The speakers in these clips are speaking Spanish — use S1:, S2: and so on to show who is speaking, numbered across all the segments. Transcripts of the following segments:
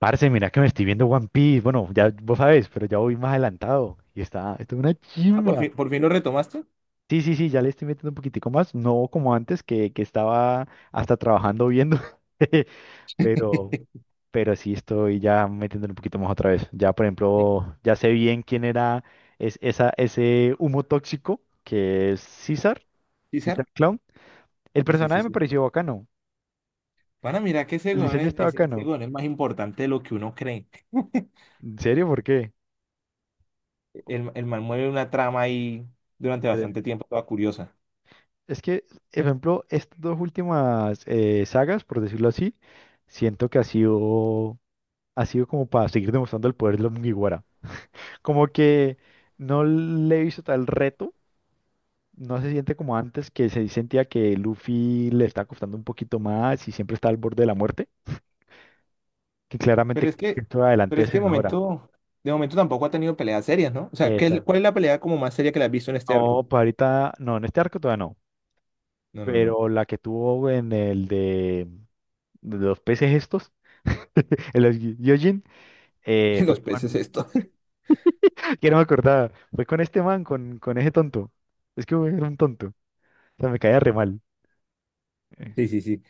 S1: Parce, mira que me estoy viendo One Piece. Bueno, ya vos sabés, pero ya voy más adelantado. Y está, esto es una
S2: Ah, por
S1: chimba.
S2: fin, por fin lo retomaste.
S1: Sí, sí, sí, ya le estoy metiendo un poquitico más. No como antes, que estaba hasta trabajando viendo. Pero, pero sí estoy ya metiéndole un poquito más otra vez. Ya, por ejemplo, ya sé bien quién era ese humo tóxico, que es César,
S2: Sí, ¿Sar?
S1: César Clown. El
S2: Sí, sí, sí,
S1: personaje me
S2: sí.
S1: pareció bacano.
S2: Van a mirar que ese
S1: El
S2: weón
S1: diseño
S2: es,
S1: está
S2: ese
S1: bacano.
S2: weón es más importante de lo que uno cree.
S1: ¿En serio? ¿Por qué?
S2: El man mueve una trama ahí durante bastante tiempo, toda curiosa.
S1: Es que, ejemplo, estas dos últimas sagas, por decirlo así, siento que ha sido como para seguir demostrando el poder de los Mugiwara. Como que no le hizo tal reto, no se siente como antes, que se sentía que Luffy le está costando un poquito más y siempre está al borde de la muerte, que
S2: Pero
S1: claramente
S2: es que,
S1: esto
S2: pero
S1: adelante
S2: es
S1: se
S2: que de
S1: mejora.
S2: momento, de momento tampoco ha tenido peleas serias, ¿no? O sea,
S1: Esa.
S2: ¿cuál es la pelea como más seria que la has visto en este arco?
S1: No, para ahorita no, en este arco todavía no,
S2: No.
S1: pero la que tuvo en el de los peces estos. El Fue
S2: Los peces
S1: con...
S2: esto.
S1: Que no me acordaba. Fue con este man, con ese tonto. Es que era un tonto. O sea, me caía re mal. Eh,
S2: Sí, sí, sí.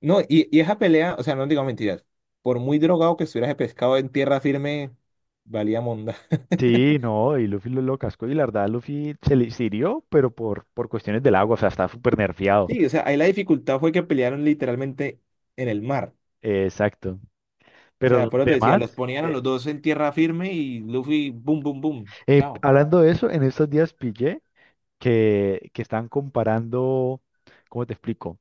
S2: No, y esa pelea, o sea, no digo mentiras. Por muy drogado que estuvieras de pescado en tierra firme, valía monda.
S1: Sí, no, y Luffy lo cascó. Y la verdad, Luffy se hirió, pero por cuestiones del agua. O sea, estaba súper nerfeado.
S2: Sí, o sea, ahí la dificultad fue que pelearon literalmente en el mar.
S1: Exacto.
S2: O sea,
S1: Pero
S2: por eso te decía, los
S1: demás,
S2: ponían a los dos en tierra firme y Luffy, boom, boom, boom. Chao.
S1: hablando de eso, en estos días pillé que están comparando, ¿cómo te explico?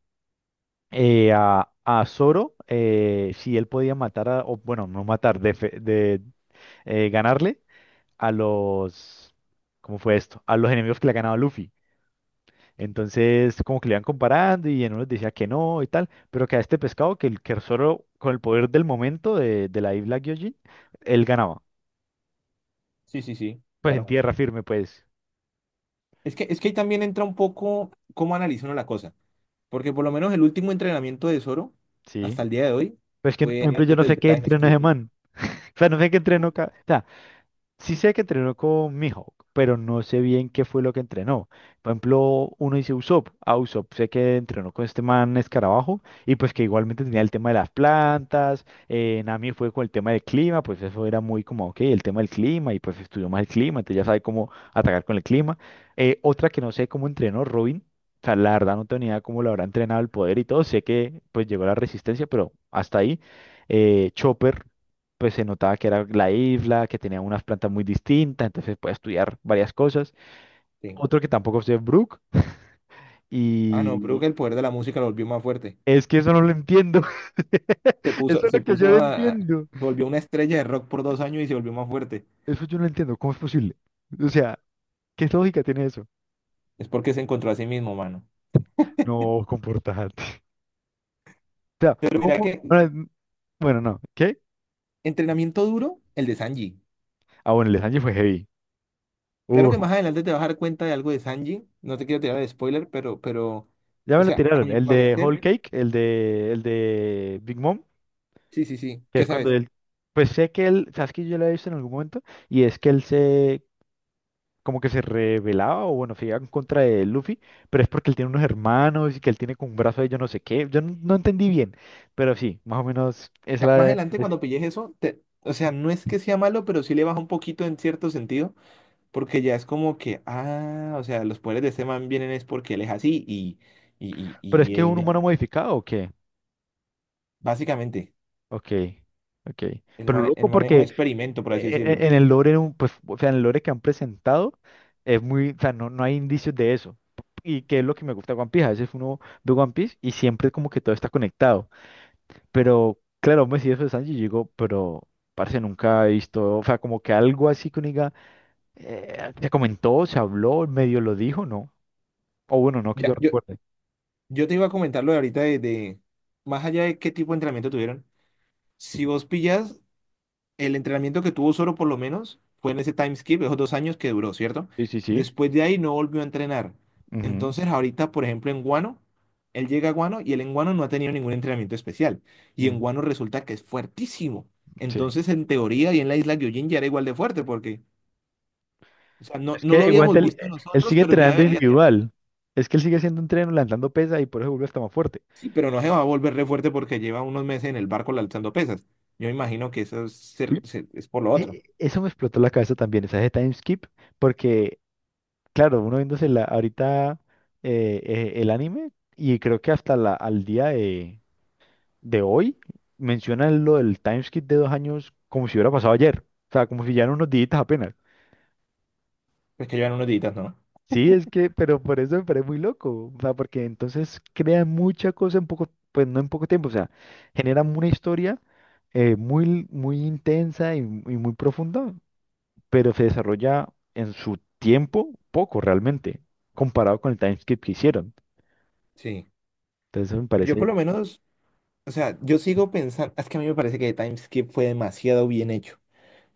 S1: A Zoro, si él podía matar a, o bueno, no matar, de, fe- de ganarle a los, ¿cómo fue esto? A los enemigos que le ha ganado Luffy. Entonces, como que le iban comparando y en unos decía que no y tal, pero que a este pescado, que, el- que solo con el poder del momento de la isla Gyojin, él ganaba.
S2: Sí, sí, sí,
S1: Pues en
S2: claro.
S1: tierra firme, pues,
S2: Es que ahí también entra un poco cómo analiza uno la cosa. Porque por lo menos el último entrenamiento de Zoro,
S1: sí.
S2: hasta el día de hoy,
S1: Pues que, por
S2: fue
S1: ejemplo, yo
S2: antes
S1: no sé
S2: del
S1: qué
S2: time
S1: entreno ese
S2: skip.
S1: man. O sea, no sé qué entreno. Ca- o sea, sí sé que entrenó con Mihawk, pero no sé bien qué fue lo que entrenó. Por ejemplo, uno dice Usopp. A Usopp sé que entrenó con este man Escarabajo y pues que igualmente tenía el tema de las plantas. Nami fue con el tema del clima, pues eso era muy como, ok, el tema del clima y pues estudió más el clima, entonces ya sabe cómo atacar con el clima. Otra que no sé cómo entrenó Robin. O sea, la verdad no tenía idea cómo lo habrá entrenado el poder y todo. Sé que pues llegó la resistencia, pero hasta ahí. Chopper pues se notaba que era la isla, que tenía unas plantas muy distintas, entonces puede estudiar varias cosas.
S2: Sí.
S1: Otro que tampoco sé es Brook,
S2: Ah, no, creo
S1: y
S2: que el poder de la música lo volvió más fuerte.
S1: es que eso no lo entiendo.
S2: Se
S1: Eso
S2: puso,
S1: es lo que yo no
S2: se
S1: entiendo.
S2: volvió una estrella de rock por 2 años y se volvió más fuerte.
S1: Eso yo no lo entiendo. ¿Cómo es posible? O sea, ¿qué lógica tiene eso?
S2: Es porque se encontró a sí mismo, mano.
S1: No, comportarte. O sea,
S2: Pero mira
S1: ¿cómo?
S2: que
S1: Ahora, n- bueno, no. ¿Qué?
S2: entrenamiento duro, el de Sanji.
S1: Ah, bueno, el de Sanji fue heavy.
S2: Claro
S1: Uh,
S2: que más adelante te vas a dar cuenta de algo de Sanji. No te quiero tirar de spoiler, pero,
S1: ya
S2: o
S1: me lo
S2: sea, a
S1: tiraron.
S2: mi
S1: El de
S2: parecer,
S1: Whole Cake, el de Big Mom.
S2: sí, sí, sí.
S1: Que
S2: ¿Qué
S1: es cuando
S2: sabes? O
S1: él, pues sé que él, sabes que yo lo he visto en algún momento, y es que él se, como que se rebelaba, o bueno, se iba en contra de Luffy, pero es porque él tiene unos hermanos y que él tiene con un brazo de yo no sé qué, yo no, no entendí bien, pero sí, más o menos es
S2: más
S1: la...
S2: adelante
S1: Es-
S2: cuando pilles eso, te, o sea, no es que sea malo, pero sí le baja un poquito en cierto sentido, porque ya es como que, ah, o sea, los poderes de este man vienen es porque él es así y, y, y,
S1: pero es
S2: y
S1: que es
S2: eh,
S1: un humano
S2: de-
S1: mm, modificado, ¿o qué?
S2: Básicamente,
S1: Ok, ok.
S2: el
S1: Pero
S2: man,
S1: loco
S2: el man es un
S1: porque
S2: experimento, por
S1: no.
S2: así decirlo.
S1: En el lore, un- pues, o sea, en el lore que han presentado, es muy, o sea, no, no hay indicios de eso. Y que es lo que me gusta de One Piece, a veces uno ve One Piece y siempre como que todo está conectado. Pero claro, Messi después de Sanji llegó, pero parece nunca he visto, o sea, como que algo así que uno diga, se comentó, se habló, medio lo dijo, ¿no? O bueno, no que yo
S2: Ya, yo,
S1: recuerde.
S2: yo te iba a comentar lo de ahorita de más allá de qué tipo de entrenamiento tuvieron. Si vos pillas el entrenamiento que tuvo Soro por lo menos, fue en ese time skip, esos 2 años que duró, ¿cierto?
S1: Sí, sí, sí.
S2: Después de ahí no volvió a entrenar.
S1: Ujú,
S2: Entonces ahorita, por ejemplo, en Guano, él llega a Guano y él en Guano no ha tenido ningún entrenamiento especial. Y en
S1: mm,
S2: Guano resulta que es fuertísimo.
S1: sí.
S2: Entonces, en teoría y en la isla Gyojin ya era igual de fuerte porque, o sea, no,
S1: Es
S2: no
S1: que
S2: lo
S1: igual
S2: habíamos
S1: él,
S2: visto
S1: él
S2: nosotros,
S1: sigue
S2: pero ya
S1: entrenando
S2: debería tener.
S1: individual. Es que él sigue haciendo entreno, lanzando pesa y por eso vuelve hasta más fuerte.
S2: Sí, pero no se va a volver re fuerte porque lleva unos meses en el barco alzando pesas. Yo imagino que eso es, es por lo otro.
S1: E- eso me explotó la cabeza también, esa de time skip, porque, claro, uno viéndose la, ahorita el anime y creo que hasta la, al día de hoy menciona lo del timeskip de 2 años como si hubiera pasado ayer. O sea, como si ya eran unos días apenas.
S2: Pues que llevan unos días, ¿no?
S1: Sí, es que, pero por eso me parece muy loco. O sea, porque entonces crean mucha cosa en poco, pues no en poco tiempo. O sea, generan una historia muy, muy intensa y muy profunda, pero se desarrolla en su tiempo poco realmente, comparado con el timeskip que hicieron.
S2: Sí.
S1: Entonces me
S2: Pero yo
S1: parece,
S2: por lo menos, o sea, yo sigo pensando, es que a mí me parece que Timeskip fue demasiado bien hecho,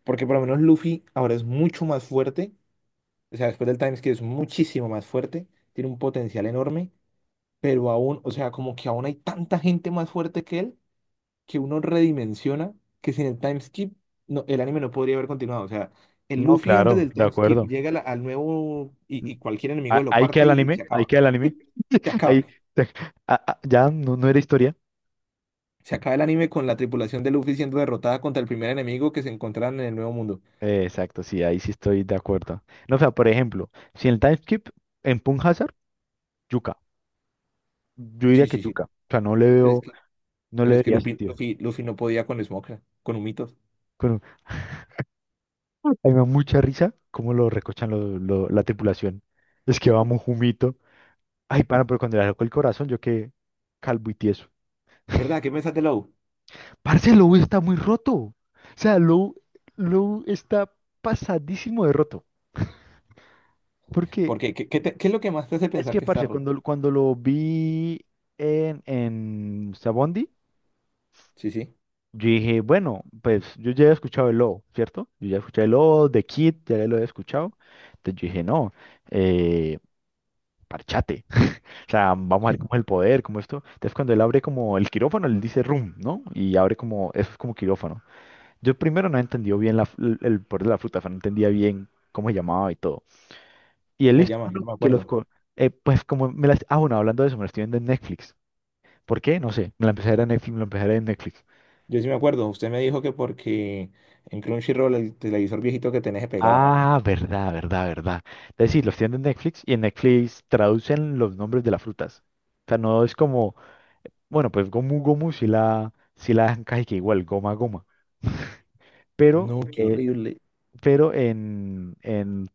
S2: porque por lo menos Luffy ahora es mucho más fuerte, o sea, después del Timeskip es muchísimo más fuerte, tiene un potencial enorme, pero aún, o sea, como que aún hay tanta gente más fuerte que él, que uno redimensiona que sin el Timeskip no, el anime no podría haber continuado, o sea, el
S1: no,
S2: Luffy antes
S1: claro,
S2: del
S1: de
S2: Timeskip
S1: acuerdo.
S2: llega a al nuevo y cualquier
S1: A-
S2: enemigo lo
S1: ahí queda
S2: parte
S1: el
S2: y se
S1: anime, ahí
S2: acaba,
S1: queda el anime.
S2: se acaba.
S1: Ahí, ah, ah, ya no, no era historia.
S2: Se acaba el anime con la tripulación de Luffy siendo derrotada contra el primer enemigo que se encontraron en el Nuevo Mundo.
S1: Exacto, sí, ahí sí estoy de acuerdo. No, o sea, por ejemplo, si en el time skip, en Punk Hazard, Yuka. Yo diría
S2: Sí,
S1: que
S2: sí, sí.
S1: Yuka. O sea, no le
S2: Pero es
S1: veo,
S2: que,
S1: no
S2: pero
S1: le
S2: es que
S1: vería
S2: Luffy,
S1: sentido.
S2: Luffy, Luffy no podía con Smoker, con Humitos.
S1: Bueno, a mí me da mucha risa cómo lo recochan lo- la tripulación. Es que vamos jumito. Ay, pana, pero cuando le arrancó el corazón, yo quedé calvo y tieso.
S2: ¿Verdad? ¿Qué pensás de Law?
S1: Parce, Lou está muy roto. O sea, Lou está pasadísimo de roto. Porque
S2: Porque, ¿qué es lo que más te hace
S1: es
S2: pensar
S1: que,
S2: que está
S1: parce,
S2: roto?
S1: cuando lo vi en Sabondi,
S2: Sí, sí.
S1: yo dije, bueno, pues yo ya he escuchado el lobo, ¿cierto? Yo ya escuché el lobo, de Kid, ya lo he escuchado. Entonces yo dije, no, eh, parchate. O sea, vamos a ver cómo es el poder, cómo esto. Entonces cuando él abre como el quirófano, él dice room, ¿no? Y abre como, eso es como quirófano. Yo primero no entendió bien la, el poder de la fruta, o sea, no entendía bien cómo se llamaba y todo. Y él
S2: ¿Cómo se
S1: listo, ah,
S2: llama? Yo
S1: no,
S2: no me
S1: que los...
S2: acuerdo.
S1: Co- pues como me las... Ah, bueno, hablando de eso, me lo estoy viendo en Netflix. ¿Por qué? No sé. Me la empecé a ver en Netflix, me la empecé a ver en Netflix.
S2: Yo sí me acuerdo. Usted me dijo que porque en Crunchyroll el televisor viejito que tenés se pegaba.
S1: Ah, verdad, verdad, verdad. Es decir, los tienen en Netflix y en Netflix traducen los nombres de las frutas. O sea, no es como, bueno, pues gomu gomu si la, dejan casi que igual, goma goma. Pero,
S2: No, qué
S1: eh,
S2: horrible.
S1: pero en, en,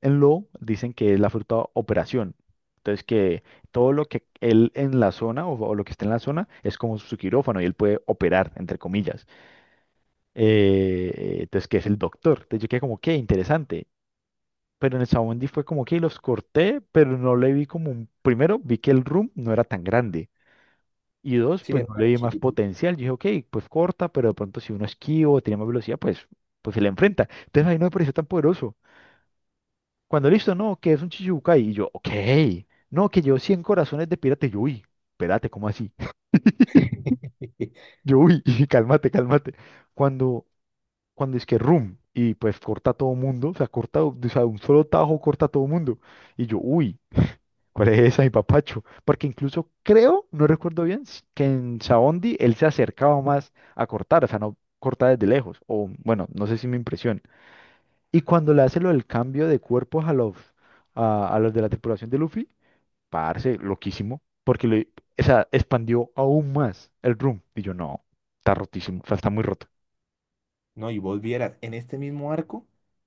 S1: en Lo dicen que es la fruta operación. Entonces que todo lo que él en la zona o lo que está en la zona es como su quirófano y él puede operar, entre comillas. Eh, entonces, ¿que es el doctor? Entonces yo quedé como, qué interesante. Pero en el Sabondi fue como que los corté, pero no le vi como un... Primero, vi que el room no era tan grande. Y dos,
S2: Sí,
S1: pues
S2: era
S1: no
S2: una
S1: le
S2: área
S1: vi más
S2: chiquita.
S1: potencial. Yo dije, ok, pues corta, pero de pronto si uno esquivo, tiene más velocidad, pues, pues se le enfrenta. Entonces ahí no me pareció tan poderoso. Cuando listo, no, que es un Chichibukai. Y yo, ok, no, que llevo 100 corazones de pirata. Y yo, uy, espérate, ¿cómo así? Yo, uy, cálmate, cálmate. Cuando cuando es que room y pues corta a todo mundo, o sea, corta, o sea, un solo tajo corta a todo mundo. Y yo, uy, ¿cuál es esa, mi papacho? Porque incluso creo, no recuerdo bien, s- que en Saondi él se acercaba más a cortar, o sea, no corta desde lejos, o bueno, no sé si mi impresión. Y cuando le hace lo del cambio de cuerpos a los, a los de la tripulación de Luffy, parce, loquísimo, porque le, o sea, expandió aún más el room. Y yo, no, está rotísimo, o sea, está muy roto.
S2: No, y vos vieras, en este mismo arco,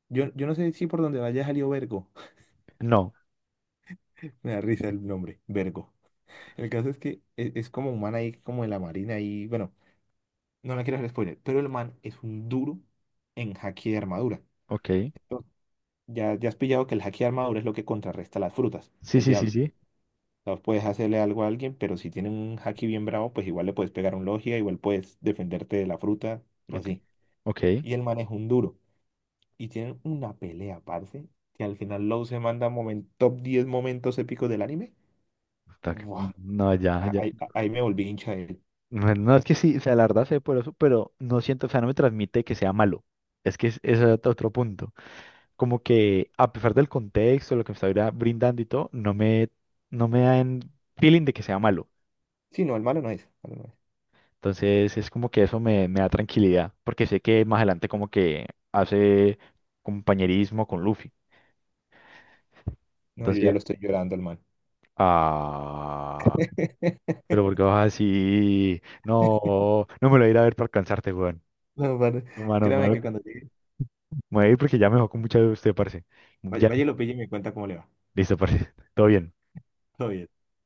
S2: yo no sé si por donde vaya salió Vergo.
S1: No,
S2: Me da risa el nombre, Vergo. El caso es que es, como un man ahí, como de la marina y bueno, no la quiero hacer spoiler, pero el man es un duro en haki de armadura.
S1: ok.
S2: Entonces, ya has pillado que el haki de armadura es lo que contrarresta las frutas
S1: Sí,
S2: del
S1: sí, sí,
S2: diablo.
S1: sí.
S2: O sea, puedes hacerle algo a alguien, pero si tiene un haki bien bravo, pues igual le puedes pegar un logia, igual puedes defenderte de la fruta y
S1: Ok.
S2: así.
S1: Ok.
S2: Y el man es un duro. Y tienen una pelea, parce, que al final Law se manda top 10 momentos épicos del anime.
S1: Está
S2: Buah,
S1: no, ya,
S2: ah,
S1: ya.
S2: ahí, ahí me volví hincha.
S1: No, no, es que sí, o sea, la verdad sé por eso, pero no siento, o sea, no me transmite que sea malo. Es que es, es otro punto. Como que a pesar del contexto, lo que me está bra- brindando y todo, no me, dan feeling de que sea malo.
S2: Sí, no, el malo no es. Malo no es.
S1: Entonces es como que eso me da tranquilidad, porque sé que más adelante como que hace compañerismo con Luffy.
S2: No, yo ya
S1: Entonces,
S2: lo estoy llorando al mal.
S1: ah, pero porque vas así, no, no me lo voy a ir a ver para alcanzarte, weón.
S2: No, padre,
S1: Mano,
S2: créame que
S1: mano,
S2: cuando llegue,
S1: me voy a ir porque ya me dejó con mucha de usted, parce.
S2: vaya,
S1: Ya,
S2: vaya y lo pille y me cuenta cómo le va.
S1: listo, parce. Todo bien.
S2: Todo bien.